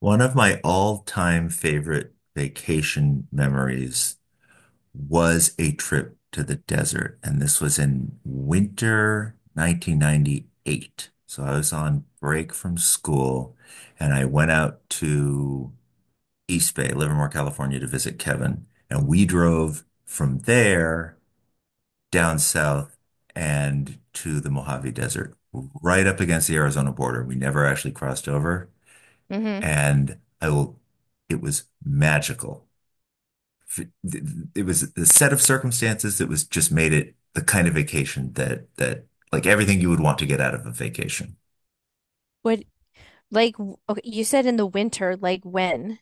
One of my all-time favorite vacation memories was a trip to the desert, and this was in winter 1998. So I was on break from school, and I went out to East Bay, Livermore, California, to visit Kevin. And we drove from there down south and to the Mojave Desert, right up against the Arizona border. We never actually crossed over. Hmm. And I will, it was magical. It was the set of circumstances that was just made it the kind of vacation that like everything you would want to get out of a vacation. What Like, okay, you said in the winter, like when?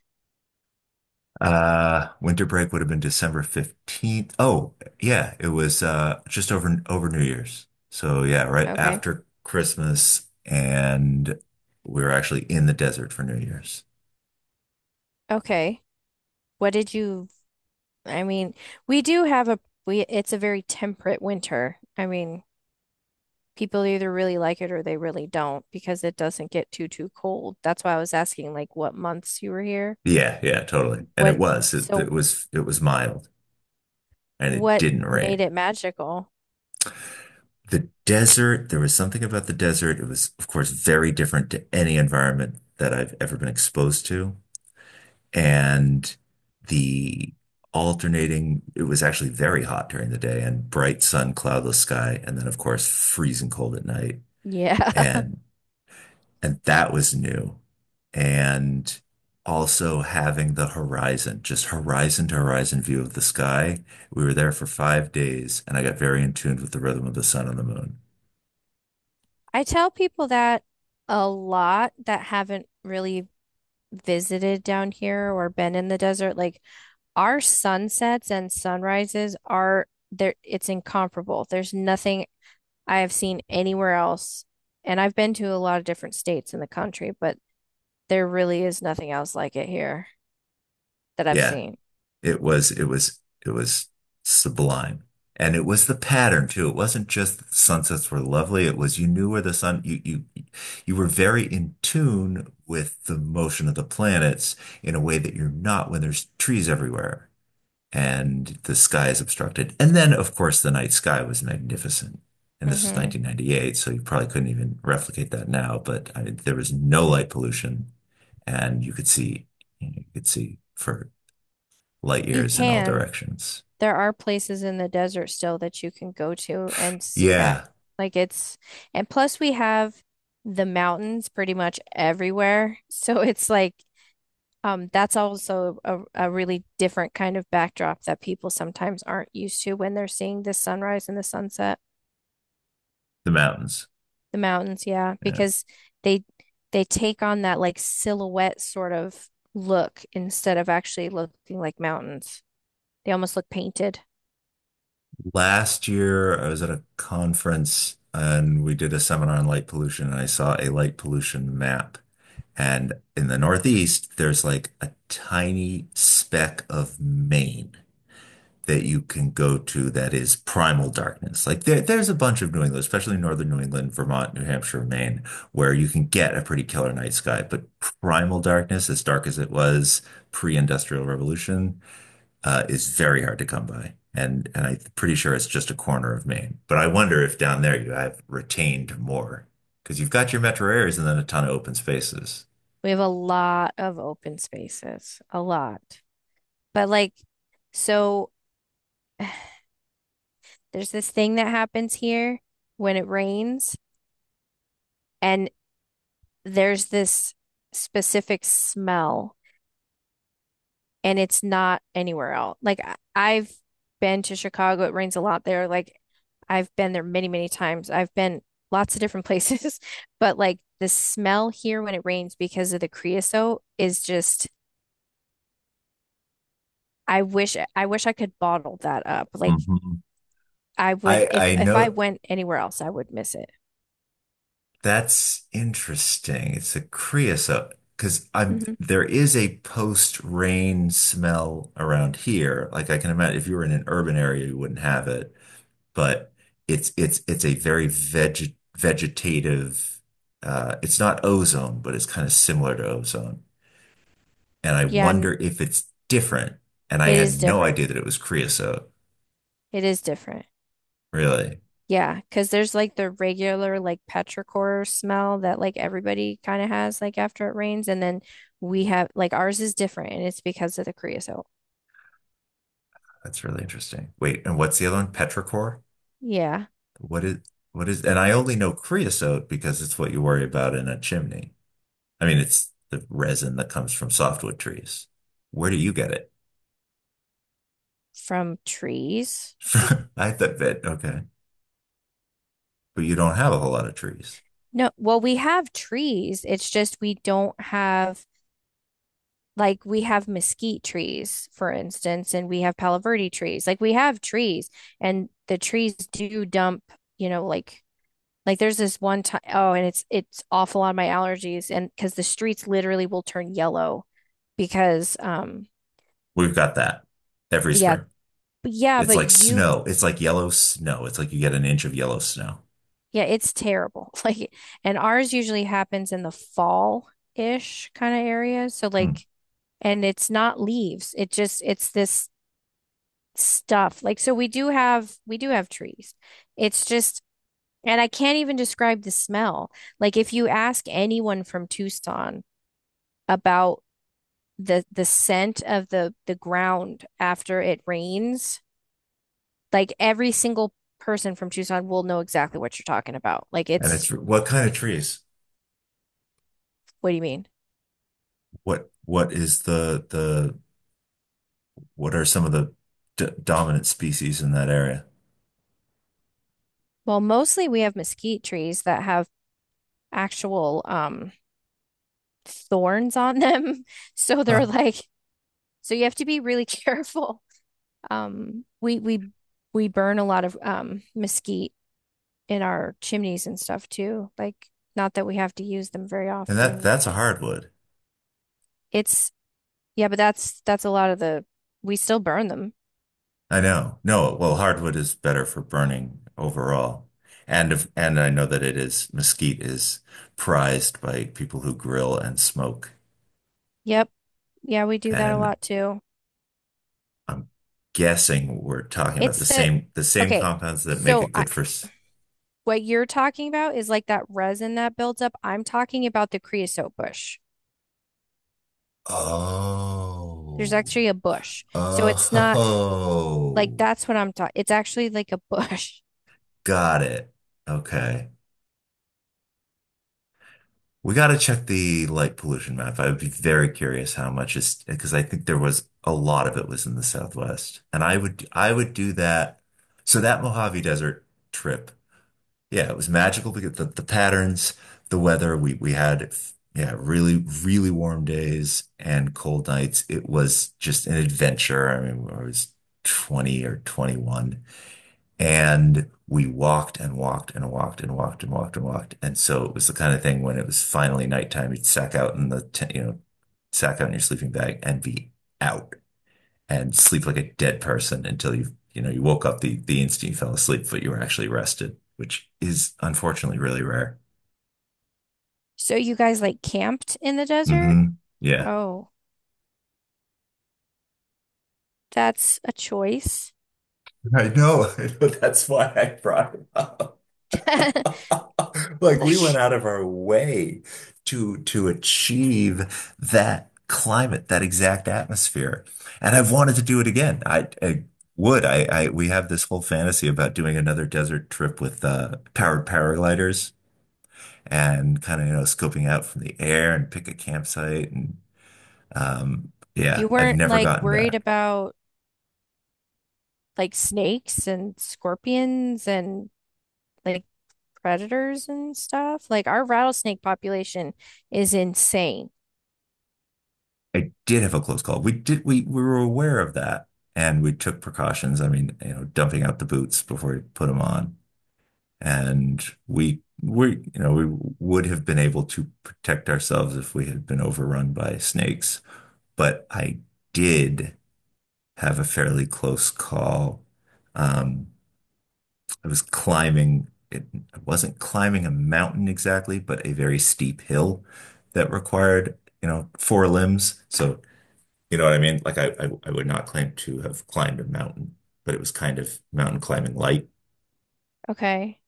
Winter break would have been December 15th. Oh, yeah, it was just over New Year's. So yeah, right Okay. after Christmas and we were actually in the desert for New Year's. Okay. What did you, I mean, we do have a, we, it's a very temperate winter. I mean, people either really like it or they really don't because it doesn't get too, too cold. That's why I was asking, like, what months you were here? Yeah, yeah, totally. And What, so it was mild and it what didn't rain. made it magical? The desert, there was something about the desert. It was, of course, very different to any environment that I've ever been exposed to. And the alternating, it was actually very hot during the day and bright sun, cloudless sky, and then, of course, freezing cold at night. Yeah. And and that was new. And also having the horizon, just horizon to horizon view of the sky. We were there for 5 days, and I got very in tune with the rhythm of the sun and the moon. I tell people that a lot that haven't really visited down here or been in the desert. Like, our sunsets and sunrises are there, it's incomparable. There's nothing I have seen anywhere else. And I've been to a lot of different states in the country, but there really is nothing else like it here that I've Yeah. seen. It was it was it was sublime. And it was the pattern too. It wasn't just the sunsets were lovely. It was you knew where the sun you were very in tune with the motion of the planets in a way that you're not when there's trees everywhere and the sky is obstructed. And then of course the night sky was magnificent. And this was Hmm. 1998, so you probably couldn't even replicate that now, but I mean, there was no light pollution and you could see you know, you could see for light You years in all can. directions. There are places in the desert still that you can go to and see that. Yeah, Like it's, and plus we have the mountains pretty much everywhere. So it's like that's also a really different kind of backdrop that people sometimes aren't used to when they're seeing the sunrise and the sunset, the mountains. the mountains, yeah, Yeah. because they they take on that like silhouette sort of look instead of actually looking like mountains. They almost look painted. Last year, I was at a conference and we did a seminar on light pollution, and I saw a light pollution map. And in the Northeast, there's like a tiny speck of Maine that you can go to that is primal darkness. Like there's a bunch of New England, especially northern New England, Vermont, New Hampshire, Maine, where you can get a pretty killer night sky. But primal darkness, as dark as it was pre-industrial revolution, is very hard to come by. And I'm pretty sure it's just a corner of Maine. But I wonder if down there you have retained more because you've got your metro areas and then a ton of open spaces. We have a lot of open spaces, a lot. But like, so, there's this thing that happens here when it rains, and there's this specific smell, and it's not anywhere else. Like I have been to Chicago, it rains a lot there. Like I've been there many, many times. I've been lots of different places, but like the smell here when it rains because of the creosote is just, I wish I could bottle that up. Like Hmm. I would, I if I if I know went anywhere else, I would miss it. that's interesting. It's a creosote because I'm Hmm. there is a post-rain smell around here. Like I can imagine if you were in an urban area, you wouldn't have it. But it's a very vegetative it's not ozone, but it's kind of similar to ozone. And I Yeah, wonder if it's different. And I it is had no different. idea that it was creosote. It is different. Really. Yeah, because there's like the regular like petrichor smell that like everybody kind of has like after it rains, and then we have like ours is different, and it's because of the creosote. That's really interesting. Wait, and what's the other one? Petrichor? Yeah, What is and I only know creosote because it's what you worry about in a chimney. I mean, it's the resin that comes from softwood trees. Where do you get it? from trees. I thought that, okay. But you don't have a whole lot of trees. No, well, we have trees. It's just we don't have like we have mesquite trees, for instance, and we have palo verde trees. Like we have trees, and the trees do dump, you know, like Like there's this one time, oh, and it's awful on my allergies, and because the streets literally will turn yellow because We've got that every yeah, spring. yeah, It's but like you, snow. It's like yellow snow. It's like you get an inch of yellow snow. yeah, it's terrible. Like and ours usually happens in the fall ish kind of area. So Hmm. like and it's not leaves. It's this stuff. Like so we do have trees. It's just, and I can't even describe the smell. Like if you ask anyone from Tucson about the scent of the ground after it rains, like every single person from Tucson will know exactly what you're talking about. Like And it's it's what kind of trees? What do you mean? What is the what are some of the d dominant species in that area? Well, mostly we have mesquite trees that have actual thorns on them. So they're Huh. like so you have to be really careful. Um we we we burn a lot of mesquite in our chimneys and stuff too. Like not that we have to use them very And that often. that's a hardwood. It's Yeah, but that's a lot of the, we still burn them. I know. No, well, hardwood is better for burning overall. And if, and I know that it is mesquite is prized by people who grill and smoke. Yep. Yeah, we do that a And lot too. I'm guessing we're talking about the It's the same the same Okay. compounds that make So it I, good for. What you're talking about is like that resin that builds up. I'm talking about the creosote bush. There's Oh, actually a bush. So it's not like oh, that's what I'm talking. It's actually like a bush. got it. Okay. We got to check the light pollution map. I would be very curious how much is because I think there was a lot of it was in the Southwest. And I would do that. So that Mojave Desert trip. Yeah, it was magical because the patterns, the weather, we had yeah, really, really warm days and cold nights. It was just an adventure. I mean, I was 20 or 21 and we walked and walked and walked and walked and walked and walked. And so it was the kind of thing when it was finally nighttime, you'd sack out in the tent, you know, sack out in your sleeping bag and be out and sleep like a dead person until you know, you woke up the instant you fell asleep, but you were actually rested, which is unfortunately really rare. So you guys like camped in the desert? Hmm. Yeah. Oh, that's a choice. I know. I know. That's why I brought it up. Like we went Like out of our way to achieve that climate, that exact atmosphere. And I've wanted to do it again. I would. I we have this whole fantasy about doing another desert trip with powered paragliders. And kind of, you know, scoping out from the air and pick a campsite. And you yeah, I've weren't never like gotten worried back. about like snakes and scorpions and like predators and stuff. Like our rattlesnake population is insane. I did have a close call. We were aware of that and we took precautions. I mean, you know, dumping out the boots before we put them on. And you know, we would have been able to protect ourselves if we had been overrun by snakes. But I did have a fairly close call. Um, I was climbing, I wasn't climbing a mountain exactly, but a very steep hill that required, you know, four limbs. So, you know what I mean? Like I would not claim to have climbed a mountain, but it was kind of mountain climbing light. Okay.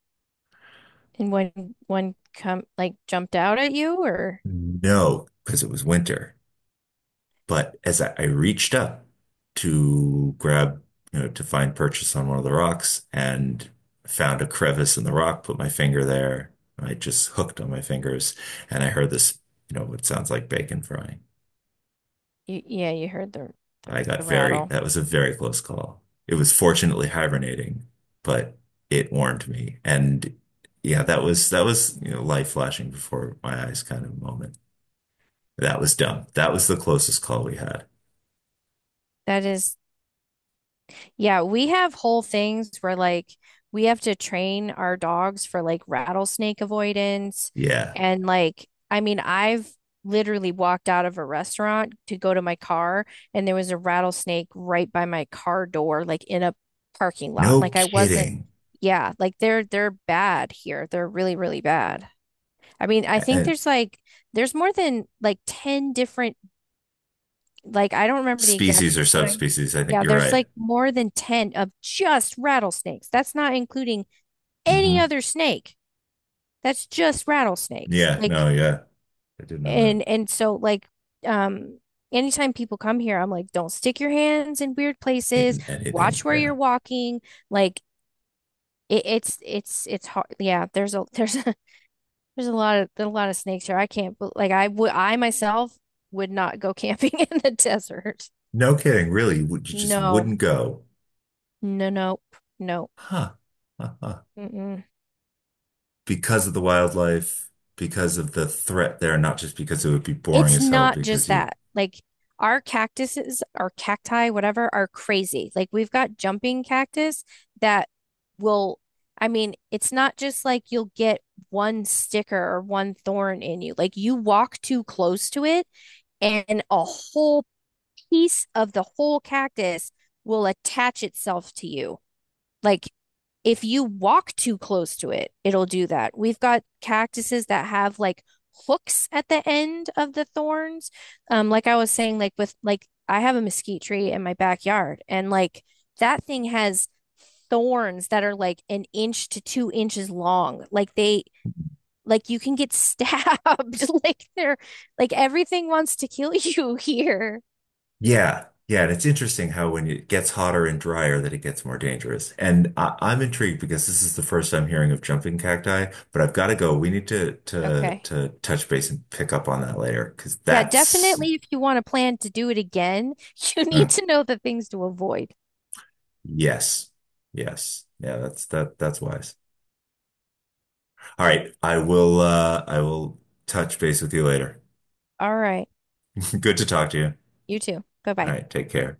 And when one come like jumped out at you, or— No, because it was winter. But as I reached up to grab, you know, to find purchase on one of the rocks and found a crevice in the rock, put my finger there. I just hooked on my fingers and I heard this, you know, what sounds like bacon frying. Yeah, you heard the the, I the got very, rattle. that was a very close call. It was fortunately hibernating, but it warned me. And yeah, you know, light flashing before my eyes kind of moment. That was dumb. That was the closest call we had. That is Yeah, we have whole things where like we have to train our dogs for like rattlesnake avoidance. Yeah. And like, I mean, I've literally walked out of a restaurant to go to my car and there was a rattlesnake right by my car door, like in a parking lot. No Like I wasn't, kidding. yeah, like they're bad here. They're really, really bad. I mean, I think Uh, there's more than like 10 different, like I don't remember the exact, Species or but I, subspecies. I think yeah, you're there's right. like more than 10 of just rattlesnakes. That's not including any Hmm. other snake. That's just rattlesnakes. Yeah, Like no, yeah. I didn't know that. and so like um anytime people come here, I'm like, don't stick your hands in weird places. Ain't Watch anything. where you're Yeah. walking. Like it, it's hard. Yeah, there's a there's a lot of snakes here. I can't bel- Like I myself would not go camping in the desert. No kidding, really. You would- you just No, wouldn't go. no, nope, nope. Huh. Huh. Huh. Mm-mm. Because of the wildlife, because of the threat there, not just because it would be boring It's as hell not just because you. that. Like our cactuses, our cacti, whatever, are crazy. Like we've got jumping cactus that will, I mean, it's not just like you'll get one sticker or one thorn in you. Like you walk too close to it and a whole piece of the whole cactus will attach itself to you. Like if you walk too close to it, it'll do that. We've got cactuses that have like hooks at the end of the thorns. Like I was saying, like with like I have a mesquite tree in my backyard, and like that thing has thorns that are like an inch to 2 inches long. Like they, like you can get stabbed. Like they're like everything wants to kill you here. Yeah, yeah, and it's interesting how when it gets hotter and drier that it gets more dangerous. And I'm intrigued because this is the first I'm hearing of jumping cacti, but I've got to go. We need to to Okay. to touch base and pick up on that later because Yeah, that's definitely if you want to plan to do it again, you need mm, to know the things to avoid. yes, yes, yeah, that's that's wise. All right, I will touch base with you later. All right. Good to talk to you. You too. Bye All bye. right, take care.